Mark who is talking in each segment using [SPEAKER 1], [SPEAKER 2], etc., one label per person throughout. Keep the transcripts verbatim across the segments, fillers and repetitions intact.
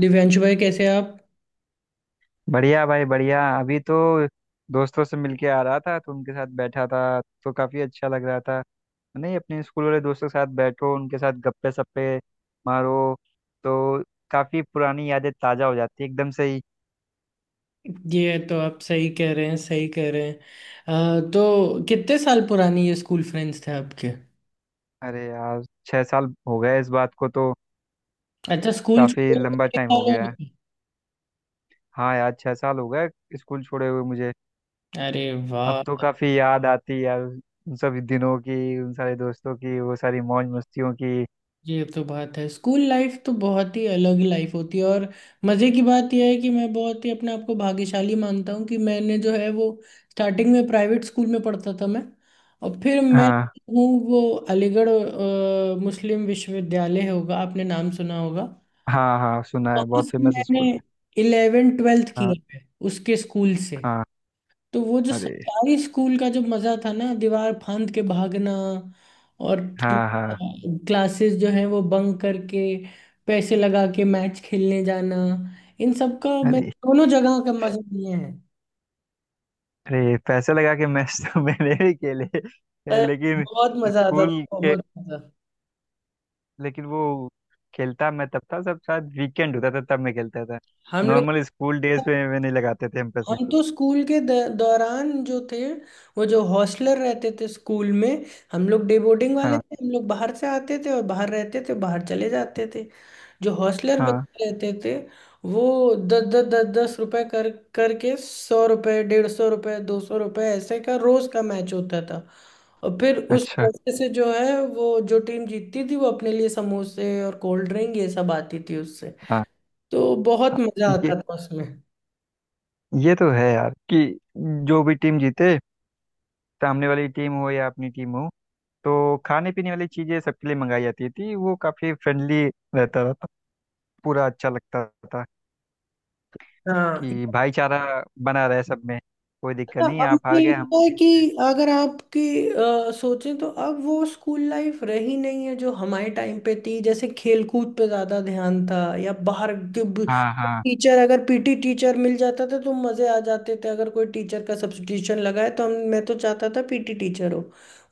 [SPEAKER 1] दिव्यांशु भाई, कैसे आप?
[SPEAKER 2] बढ़िया भाई बढ़िया। अभी तो दोस्तों से मिलके आ रहा था, तो उनके साथ बैठा था तो काफी अच्छा लग रहा था। नहीं, अपने स्कूल वाले दोस्तों के साथ बैठो, उनके साथ गप्पे सप्पे मारो तो काफी पुरानी यादें ताजा हो जाती है एकदम से ही।
[SPEAKER 1] ये तो आप सही कह रहे हैं, सही कह रहे हैं। अ, तो कितने साल पुरानी ये स्कूल फ्रेंड्स थे आपके?
[SPEAKER 2] अरे यार छह साल हो गए इस बात को तो।
[SPEAKER 1] अच्छा, स्कूल
[SPEAKER 2] काफी
[SPEAKER 1] छोड़े
[SPEAKER 2] लंबा
[SPEAKER 1] कितने
[SPEAKER 2] टाइम हो
[SPEAKER 1] साल हो
[SPEAKER 2] गया है।
[SPEAKER 1] गए?
[SPEAKER 2] हाँ यार, छह साल हो गए स्कूल छोड़े हुए मुझे।
[SPEAKER 1] अरे
[SPEAKER 2] अब
[SPEAKER 1] वाह।
[SPEAKER 2] तो काफी याद आती है यार, उन सभी दिनों की, उन सारे दोस्तों की, वो सारी मौज मस्तियों की।
[SPEAKER 1] ये तो बात है, स्कूल लाइफ तो बहुत ही अलग लाइफ होती है। और मज़े की बात यह है कि मैं बहुत ही अपने आप को भाग्यशाली मानता हूँ कि मैंने जो है वो स्टार्टिंग में प्राइवेट स्कूल में पढ़ता था मैं। और फिर मैं
[SPEAKER 2] हाँ
[SPEAKER 1] हूँ वो अलीगढ़ अ, मुस्लिम विश्वविद्यालय, होगा आपने नाम सुना होगा।
[SPEAKER 2] हाँ। हाँ, सुना है,
[SPEAKER 1] बहुत
[SPEAKER 2] बहुत
[SPEAKER 1] से
[SPEAKER 2] फेमस
[SPEAKER 1] मैंने
[SPEAKER 2] स्कूल।
[SPEAKER 1] इलेवेंथ ट्वेल्थ
[SPEAKER 2] हाँ।
[SPEAKER 1] किया है उसके स्कूल से।
[SPEAKER 2] हाँ,
[SPEAKER 1] तो वो जो
[SPEAKER 2] अरे
[SPEAKER 1] सरकारी स्कूल का जो मजा था ना, दीवार फांद के भागना और
[SPEAKER 2] हाँ हाँ।
[SPEAKER 1] क्लासेस जो है वो बंक करके पैसे लगा के मैच खेलने जाना, इन सब का मैंने
[SPEAKER 2] अरे,
[SPEAKER 1] दोनों जगह का मजा लिए हैं।
[SPEAKER 2] अरे पैसे लगा के मैच तो मैंने भी खेले। ए,
[SPEAKER 1] पर
[SPEAKER 2] लेकिन
[SPEAKER 1] बहुत मजा आता
[SPEAKER 2] स्कूल
[SPEAKER 1] था,
[SPEAKER 2] के,
[SPEAKER 1] बहुत मजा।
[SPEAKER 2] लेकिन वो खेलता मैं तब था, सब शायद वीकेंड होता था तब मैं खेलता था।
[SPEAKER 1] हम लोग
[SPEAKER 2] नॉर्मल स्कूल डेज पे में नहीं लगाते थे हम पैसे।
[SPEAKER 1] हम तो स्कूल के द- दौरान जो थे वो जो हॉस्टलर रहते थे स्कूल में। हम लोग डे बोर्डिंग वाले
[SPEAKER 2] हाँ।
[SPEAKER 1] थे, हम लोग बाहर से आते थे और बाहर रहते थे, बाहर चले जाते थे। जो हॉस्टलर
[SPEAKER 2] हाँ।
[SPEAKER 1] बच्चे रहते थे, वो दस दस दस दस रुपए कर करके सौ रुपए, डेढ़ सौ रुपए, दो सौ रुपए, ऐसे का रोज का मैच होता था। और फिर उस
[SPEAKER 2] अच्छा।
[SPEAKER 1] पैसे से जो है वो जो टीम जीतती थी वो अपने लिए समोसे और कोल्ड ड्रिंक ये सब आती थी उससे।
[SPEAKER 2] हाँ।
[SPEAKER 1] तो
[SPEAKER 2] हाँ,
[SPEAKER 1] बहुत मजा
[SPEAKER 2] ये
[SPEAKER 1] आता था उसमें।
[SPEAKER 2] ये तो है यार कि जो भी टीम जीते, सामने वाली टीम हो या अपनी टीम हो, तो खाने पीने वाली चीजें सबके लिए मंगाई जाती थी। वो काफी फ्रेंडली रहता था, पूरा अच्छा लगता था
[SPEAKER 1] हाँ।
[SPEAKER 2] कि भाईचारा बना रहे सब में। कोई दिक्कत
[SPEAKER 1] हाँ,
[SPEAKER 2] नहीं,
[SPEAKER 1] अब
[SPEAKER 2] आप हार
[SPEAKER 1] मुझे
[SPEAKER 2] गए
[SPEAKER 1] लगता
[SPEAKER 2] हम
[SPEAKER 1] है
[SPEAKER 2] जीत गए।
[SPEAKER 1] कि अगर आपकी अ, सोचें तो अब वो स्कूल लाइफ रही नहीं है जो हमारे टाइम पे थी, जैसे खेलकूद पे ज्यादा ध्यान था या बाहर
[SPEAKER 2] हाँ। हाँ।
[SPEAKER 1] टीचर, अगर पीटी टीचर मिल जाता था तो मजे आ जाते थे। अगर कोई टीचर का सब्स्टिट्यूशन लगाए तो हम मैं तो चाहता था पीटी टीचर हो,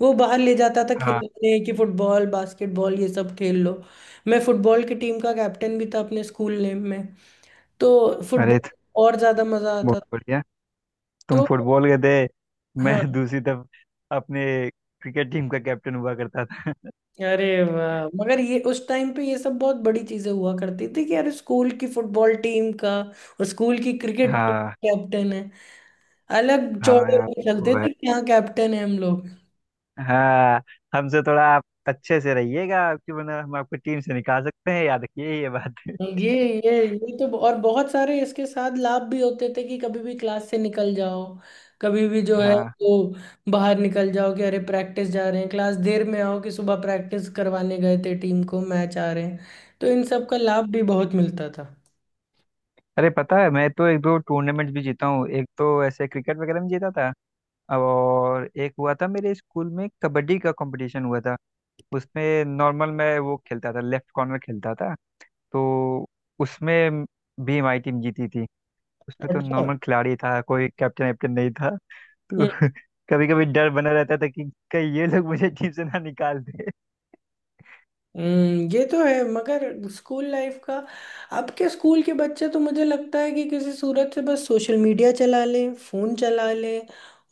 [SPEAKER 1] वो बाहर ले जाता था
[SPEAKER 2] हाँ।
[SPEAKER 1] खेलने कि फुटबॉल, बास्केटबॉल, ये सब खेल लो। मैं फुटबॉल की टीम का कैप्टन भी था अपने स्कूल नेम में। तो
[SPEAKER 2] अरे
[SPEAKER 1] फुटबॉल
[SPEAKER 2] तो
[SPEAKER 1] और ज्यादा मजा आता
[SPEAKER 2] बहुत
[SPEAKER 1] था।
[SPEAKER 2] बढ़िया। तुम
[SPEAKER 1] तो
[SPEAKER 2] फुटबॉल के थे, मैं
[SPEAKER 1] हाँ।
[SPEAKER 2] दूसरी तरफ अपने क्रिकेट टीम का कैप्टन हुआ करता था।
[SPEAKER 1] अरे वाह, मगर ये उस टाइम पे ये सब बहुत बड़ी चीजें हुआ करती थी कि यार स्कूल की फुटबॉल टीम का और स्कूल की क्रिकेट टीम
[SPEAKER 2] हाँ।
[SPEAKER 1] कैप्टन है, अलग
[SPEAKER 2] हाँ
[SPEAKER 1] चौड़े
[SPEAKER 2] यार
[SPEAKER 1] होके
[SPEAKER 2] ये
[SPEAKER 1] चलते
[SPEAKER 2] तो है।
[SPEAKER 1] थे कि हाँ कैप्टन है हम लोग।
[SPEAKER 2] हाँ, हमसे थोड़ा आप अच्छे से रहिएगा आपकी, वरना हम आपको टीम से निकाल सकते हैं, याद रखिए ये बात।
[SPEAKER 1] ये ये ये तो और बहुत सारे इसके साथ लाभ भी होते थे कि कभी भी क्लास से निकल जाओ, कभी भी जो है
[SPEAKER 2] हाँ।
[SPEAKER 1] वो बाहर निकल जाओ, कि अरे प्रैक्टिस जा रहे हैं क्लास देर में आओ, कि सुबह प्रैक्टिस करवाने गए थे टीम को, मैच आ रहे हैं। तो इन सब का लाभ भी बहुत मिलता था।
[SPEAKER 2] अरे पता है, मैं तो एक दो टूर्नामेंट भी जीता हूँ। एक तो ऐसे क्रिकेट वगैरह में जीता था, और एक हुआ था मेरे स्कूल में कबड्डी का कंपटीशन हुआ था। उसमें नॉर्मल मैं वो खेलता था, लेफ्ट कॉर्नर खेलता था। तो उसमें भी हमारी टीम जीती थी। उसमें तो
[SPEAKER 1] अच्छा।
[SPEAKER 2] नॉर्मल खिलाड़ी था, कोई कैप्टन वैप्टन नहीं था तो कभी कभी डर बना रहता था कि कहीं ये लोग मुझे टीम से ना निकाल दे।
[SPEAKER 1] हम्म, ये तो है, मगर स्कूल लाइफ का अब के स्कूल के बच्चे तो मुझे लगता है कि किसी सूरत से बस सोशल मीडिया चला लें, फोन चला लें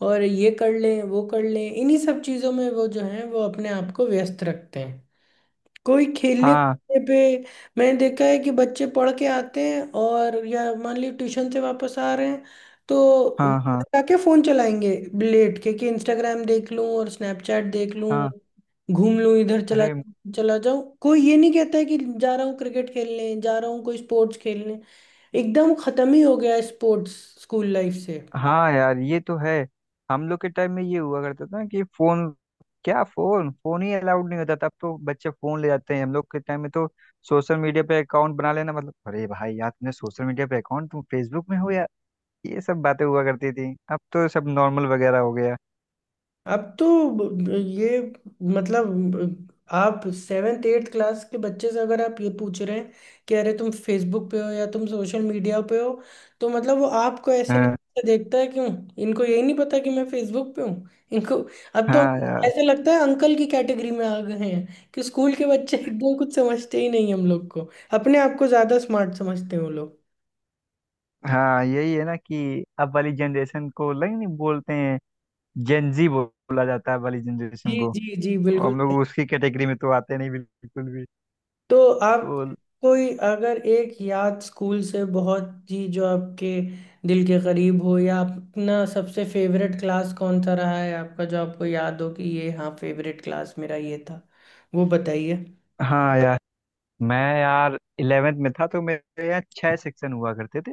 [SPEAKER 1] और ये कर लें वो कर लें, इन्हीं सब चीज़ों में वो जो है वो अपने आप को व्यस्त रखते हैं। कोई खेलने
[SPEAKER 2] हाँ।
[SPEAKER 1] कूदने पे मैंने देखा है कि बच्चे पढ़ के आते हैं और या मान ली ट्यूशन से वापस आ रहे हैं तो वो
[SPEAKER 2] हाँ। हाँ।
[SPEAKER 1] जाके फोन चलाएंगे, लेट के, कि इंस्टाग्राम देख लूं और स्नैपचैट देख लूं,
[SPEAKER 2] हाँ।
[SPEAKER 1] घूम लूं इधर, चला
[SPEAKER 2] अरे
[SPEAKER 1] जाऊं चला जाऊं, कोई ये नहीं कहता है कि जा रहा हूँ क्रिकेट खेलने, जा रहा हूँ कोई स्पोर्ट्स खेलने। एकदम खत्म ही हो गया है स्पोर्ट्स स्कूल लाइफ से।
[SPEAKER 2] हाँ यार ये तो है। हम लोग के टाइम में ये हुआ करता था कि फोन, क्या फोन फोन ही अलाउड नहीं होता था। अब तो बच्चे फोन ले जाते हैं। हम लोग के टाइम में तो सोशल मीडिया पे अकाउंट बना लेना मतलब, अरे भाई यार तुमने सोशल मीडिया पे अकाउंट, तुम फेसबुक में हो यार, ये सब बातें हुआ करती थी। अब तो सब नॉर्मल वगैरह हो गया।
[SPEAKER 1] अब तो ब- ब- ये मतलब ब- आप सेवेंथ एट्थ क्लास के बच्चे से अगर आप ये पूछ रहे हैं कि अरे तुम फेसबुक पे हो या तुम सोशल मीडिया पे हो, तो मतलब वो आपको ऐसे
[SPEAKER 2] हाँ।
[SPEAKER 1] नहीं देखता है, क्यों? इनको यही नहीं पता कि मैं फेसबुक पे हूँ इनको। अब तो
[SPEAKER 2] हाँ यार।
[SPEAKER 1] ऐसे लगता है अंकल की कैटेगरी में आ गए हैं, कि स्कूल के बच्चे एकदम कुछ समझते ही नहीं हम लोग को, अपने आप को ज्यादा स्मार्ट समझते हैं वो लोग।
[SPEAKER 2] हाँ यही है ना कि अब वाली जनरेशन को लग नहीं बोलते हैं, जेंजी बोला जाता है अब वाली
[SPEAKER 1] जी
[SPEAKER 2] जनरेशन को।
[SPEAKER 1] जी जी,
[SPEAKER 2] और
[SPEAKER 1] बिल्कुल।
[SPEAKER 2] हम लोग उसकी कैटेगरी में तो आते नहीं बिल्कुल भी।
[SPEAKER 1] तो
[SPEAKER 2] तो
[SPEAKER 1] आप कोई अगर एक याद स्कूल से बहुत ही जो आपके दिल के करीब हो, या अपना सबसे फेवरेट क्लास कौन सा रहा है आपका जो आपको याद हो कि ये हाँ फेवरेट क्लास मेरा ये था, वो बताइए।
[SPEAKER 2] हाँ यार, मैं यार इलेवेंथ में था तो मेरे यहाँ छह सेक्शन हुआ करते थे।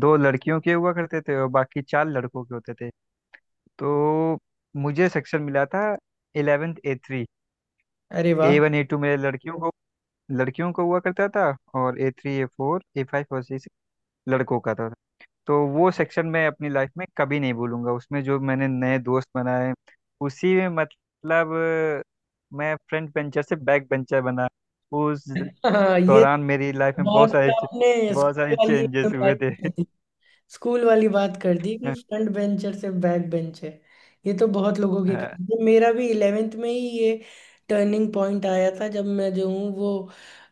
[SPEAKER 2] दो लड़कियों के हुआ करते थे और बाकी चार लड़कों के होते थे। तो मुझे सेक्शन मिला था इलेवेंथ ए थ्री।
[SPEAKER 1] अरे वाह।
[SPEAKER 2] ए वन ए टू मेरे लड़कियों को, लड़कियों को हुआ करता था। और A three A four A five और सिक्स लड़कों का था। तो वो सेक्शन मैं अपनी लाइफ में कभी नहीं भूलूंगा। उसमें जो मैंने नए दोस्त बनाए, उसी में मतलब मैं फ्रंट बेंचर से बैक बेंचर बना। उस
[SPEAKER 1] हाँ, ये
[SPEAKER 2] दौरान
[SPEAKER 1] तो
[SPEAKER 2] मेरी लाइफ में बहुत
[SPEAKER 1] बहुत,
[SPEAKER 2] सारे चे-
[SPEAKER 1] आपने
[SPEAKER 2] बहुत
[SPEAKER 1] स्कूल
[SPEAKER 2] सारे
[SPEAKER 1] वाली
[SPEAKER 2] चेंजेस
[SPEAKER 1] एकदम
[SPEAKER 2] हुए
[SPEAKER 1] बात,
[SPEAKER 2] थे।
[SPEAKER 1] स्कूल वाली बात कर दी कि फ्रंट बेंचर से बैक बेंच है। ये तो बहुत लोगों की
[SPEAKER 2] हाँ।
[SPEAKER 1] कहानी है, मेरा भी इलेवेंथ में ही ये टर्निंग पॉइंट आया था जब मैं जो हूँ वो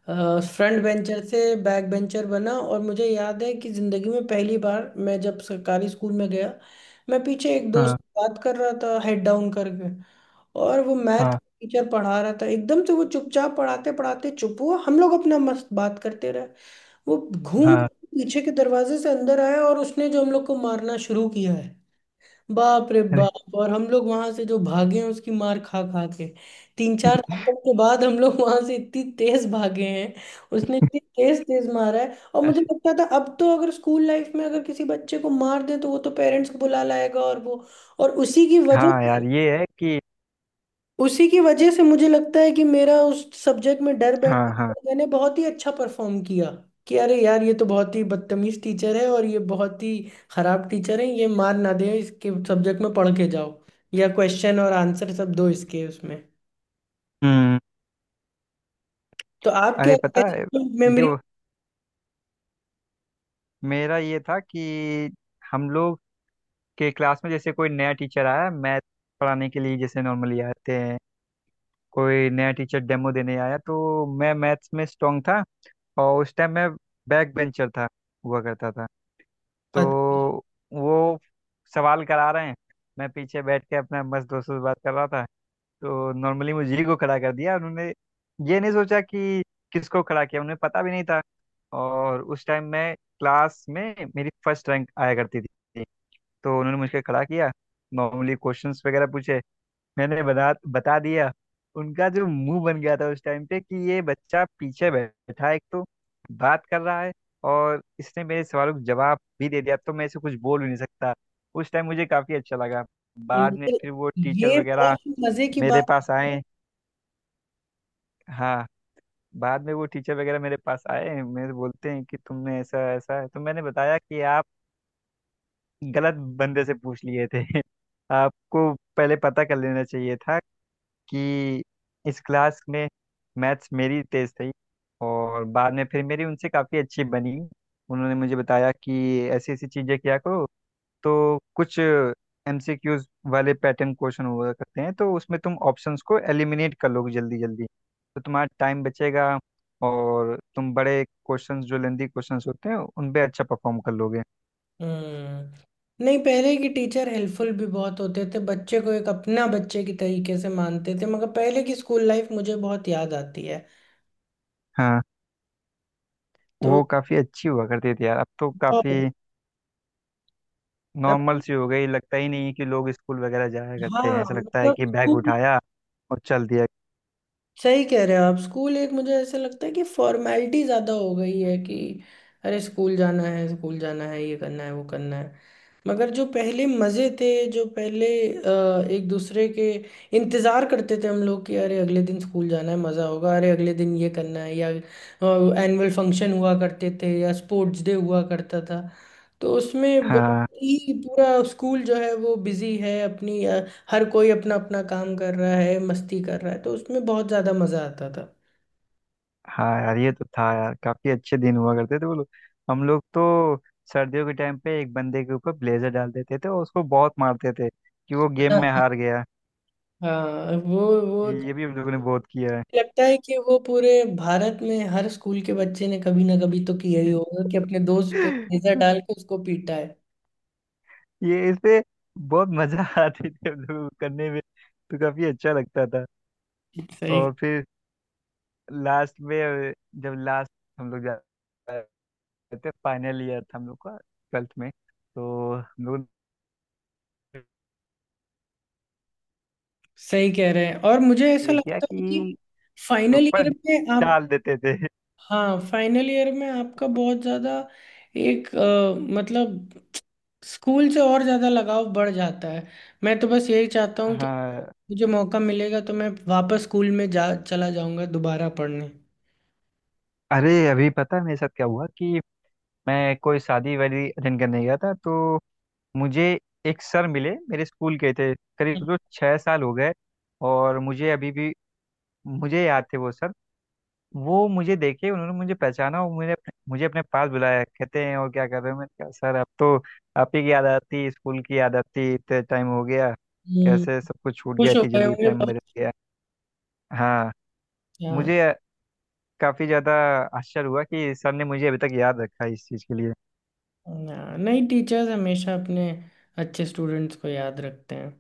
[SPEAKER 1] फ्रंट बेंचर से बैक बेंचर बना, और मुझे याद है कि ज़िंदगी में पहली बार मैं जब सरकारी स्कूल में गया, मैं पीछे एक दोस्त
[SPEAKER 2] हाँ।
[SPEAKER 1] से बात कर रहा था हेड डाउन करके, और वो मैथ
[SPEAKER 2] हाँ।
[SPEAKER 1] टीचर पढ़ा रहा था। एकदम से वो चुपचाप पढ़ाते पढ़ाते चुप हुआ, हम लोग अपना मस्त बात करते रहे, वो घूम
[SPEAKER 2] हाँ।
[SPEAKER 1] के पीछे के दरवाजे से अंदर आया और उसने जो हम लोग को मारना शुरू किया है, बाप रे
[SPEAKER 2] अरे।
[SPEAKER 1] बाप। और हम लोग वहां से जो भागे हैं उसकी मार खा खा के, तीन चार थप्पड़ के बाद हम लोग वहां से इतनी तेज भागे हैं। उसने इतनी तेज तेज मारा है, और मुझे
[SPEAKER 2] अरे
[SPEAKER 1] लगता था अब तो अगर स्कूल लाइफ में अगर किसी बच्चे को मार दे तो वो तो पेरेंट्स को बुला लाएगा, और वो, और उसी की वजह
[SPEAKER 2] हाँ
[SPEAKER 1] से
[SPEAKER 2] यार ये है कि।
[SPEAKER 1] उसी की वजह से मुझे लगता है कि मेरा उस सब्जेक्ट में डर बैठ
[SPEAKER 2] हाँ। हाँ।
[SPEAKER 1] गया। मैंने बहुत ही अच्छा परफॉर्म किया, कि अरे यार ये तो बहुत ही बदतमीज टीचर है और ये बहुत ही खराब टीचर है, ये मार ना दे, इसके सब्जेक्ट में पढ़ के जाओ या क्वेश्चन और आंसर सब दो इसके उसमें।
[SPEAKER 2] हम्म।
[SPEAKER 1] तो आप क्या
[SPEAKER 2] अरे पता है,
[SPEAKER 1] मेमोरी,
[SPEAKER 2] यो मेरा ये था कि हम लोग के क्लास में जैसे कोई नया टीचर आया मैथ पढ़ाने के लिए, जैसे नॉर्मली आते हैं कोई नया टीचर डेमो देने आया, तो मैं मैथ्स में स्ट्रांग था। और उस टाइम मैं बैक बेंचर था, हुआ करता था। तो वो सवाल करा रहे हैं, मैं पीछे बैठ के अपने मस्त दोस्तों से बात कर रहा था। तो नॉर्मली मुझे ही को खड़ा कर दिया उन्होंने। ये नहीं सोचा कि किसको खड़ा किया, उन्हें पता भी नहीं था। और उस टाइम मैं क्लास में मेरी फर्स्ट रैंक आया करती थी। तो उन्होंने मुझे खड़ा किया, नॉर्मली क्वेश्चंस वगैरह पूछे, मैंने बता बता दिया। उनका जो मुंह बन गया था उस टाइम पे कि ये बच्चा पीछे बैठा है एक तो, बात कर रहा है, और इसने मेरे सवालों का जवाब भी दे दिया तो मैं इसे कुछ बोल भी नहीं सकता। उस टाइम मुझे काफी अच्छा लगा। बाद में फिर वो टीचर
[SPEAKER 1] ये
[SPEAKER 2] वगैरह
[SPEAKER 1] बहुत मजे की
[SPEAKER 2] मेरे
[SPEAKER 1] बात।
[SPEAKER 2] पास आए। हाँ। बाद में वो टीचर वगैरह मेरे पास आए, मेरे बोलते हैं कि तुमने ऐसा ऐसा है, तो मैंने बताया कि आप गलत बंदे से पूछ लिए थे। आपको पहले पता कर लेना चाहिए था कि इस क्लास में मैथ्स मेरी तेज थी। और बाद में फिर मेरी उनसे काफ़ी अच्छी बनी। उन्होंने मुझे बताया कि ऐसी ऐसी चीज़ें किया करो, तो कुछ एमसीक्यूज वाले पैटर्न क्वेश्चन हुआ करते हैं तो उसमें तुम ऑप्शंस को एलिमिनेट कर लोगे जल्दी जल्दी तो तुम्हारा टाइम बचेगा। और तुम बड़े क्वेश्चंस जो लेंदी क्वेश्चंस होते हैं उन पे अच्छा परफॉर्म कर लोगे।
[SPEAKER 1] हम्म, नहीं पहले के टीचर हेल्पफुल भी बहुत होते थे, बच्चे को एक अपना बच्चे की तरीके से मानते थे, मगर पहले की स्कूल लाइफ मुझे बहुत याद आती है।
[SPEAKER 2] हाँ।
[SPEAKER 1] तो
[SPEAKER 2] वो काफ़ी अच्छी हुआ करती थी यार, अब तो काफ़ी
[SPEAKER 1] अब-
[SPEAKER 2] नॉर्मल सी हो गई। लगता ही नहीं है कि लोग स्कूल वगैरह जाया करते
[SPEAKER 1] हाँ
[SPEAKER 2] हैं, ऐसा लगता है
[SPEAKER 1] मतलब
[SPEAKER 2] कि बैग
[SPEAKER 1] स्कूल,
[SPEAKER 2] उठाया और चल दिया।
[SPEAKER 1] सही कह रहे हो आप। स्कूल एक मुझे ऐसा लगता है कि फॉर्मेलिटी ज्यादा हो गई है, कि अरे स्कूल जाना है, स्कूल जाना है, ये करना है, वो करना है, मगर जो पहले मजे थे, जो पहले अ, एक दूसरे के इंतजार करते थे हम लोग कि अरे अगले दिन स्कूल जाना है मजा होगा, अरे अगले दिन ये करना है, या एनुअल फंक्शन हुआ करते थे या स्पोर्ट्स डे हुआ करता था। तो उसमें बहुत
[SPEAKER 2] हाँ।
[SPEAKER 1] ही पूरा स्कूल जो है वो बिजी है अपनी अ, हर कोई अपना अपना काम कर रहा है, मस्ती कर रहा है, तो उसमें बहुत ज्यादा मजा आता था।
[SPEAKER 2] हाँ यार ये तो था यार, काफी अच्छे दिन हुआ करते थे वो लोग। हम लोग तो सर्दियों के टाइम पे एक बंदे के ऊपर ब्लेजर डाल देते थे और उसको बहुत मारते थे कि वो गेम में
[SPEAKER 1] हाँ।
[SPEAKER 2] हार गया।
[SPEAKER 1] हाँ, वो वो
[SPEAKER 2] ये ये भी हम लोगों ने बहुत किया है।
[SPEAKER 1] लगता है कि वो पूरे भारत में हर स्कूल के बच्चे ने कभी ना कभी तो किया ही होगा कि अपने दोस्त पे लेजर डाल के उसको पीटा है।
[SPEAKER 2] ये इसपे बहुत मजा आती थी हम लोगों को करने में, तो काफी अच्छा लगता था।
[SPEAKER 1] सही,
[SPEAKER 2] और फिर लास्ट में, जब लास्ट हम लोग जा थे, फाइनल ईयर था हम लोग का ट्वेल्थ में। तो हम लोग ने
[SPEAKER 1] सही कह रहे हैं, और मुझे ऐसा
[SPEAKER 2] ये किया
[SPEAKER 1] लगता है कि
[SPEAKER 2] कि
[SPEAKER 1] फाइनल ईयर
[SPEAKER 2] ऊपर
[SPEAKER 1] में आप,
[SPEAKER 2] डाल देते थे।
[SPEAKER 1] हाँ फाइनल ईयर में आपका बहुत ज़्यादा एक अ, मतलब स्कूल से और ज़्यादा लगाव बढ़ जाता है। मैं तो बस यही चाहता हूँ कि
[SPEAKER 2] हाँ।
[SPEAKER 1] मुझे मौका मिलेगा तो मैं वापस स्कूल में जा चला जाऊंगा दोबारा पढ़ने।
[SPEAKER 2] अरे अभी पता है मेरे साथ क्या हुआ कि मैं कोई शादी वादी अटेंड करने गया था। तो मुझे एक सर मिले, मेरे स्कूल के थे। करीब सोचो छः साल हो गए, और मुझे अभी भी मुझे याद थे वो सर। वो मुझे देखे, उन्होंने मुझे पहचाना और मुझे अपने, मुझे अपने पास बुलाया। कहते हैं और क्या कर रहे हो, मैंने कहा सर अब तो आप ही की याद आती, स्कूल की याद आती, इतने टाइम हो गया।
[SPEAKER 1] हम्म।
[SPEAKER 2] कैसे सब कुछ छूट गया,
[SPEAKER 1] खुश हो
[SPEAKER 2] इतनी
[SPEAKER 1] गए
[SPEAKER 2] जल्दी
[SPEAKER 1] होंगे
[SPEAKER 2] टाइम
[SPEAKER 1] बहुत।
[SPEAKER 2] बदल गया। हाँ।
[SPEAKER 1] हाँ।
[SPEAKER 2] मुझे काफी ज्यादा आश्चर्य हुआ कि सर ने मुझे अभी तक याद रखा इस चीज के लिए।
[SPEAKER 1] ना- नहीं, टीचर्स हमेशा अपने अच्छे स्टूडेंट्स को याद रखते हैं।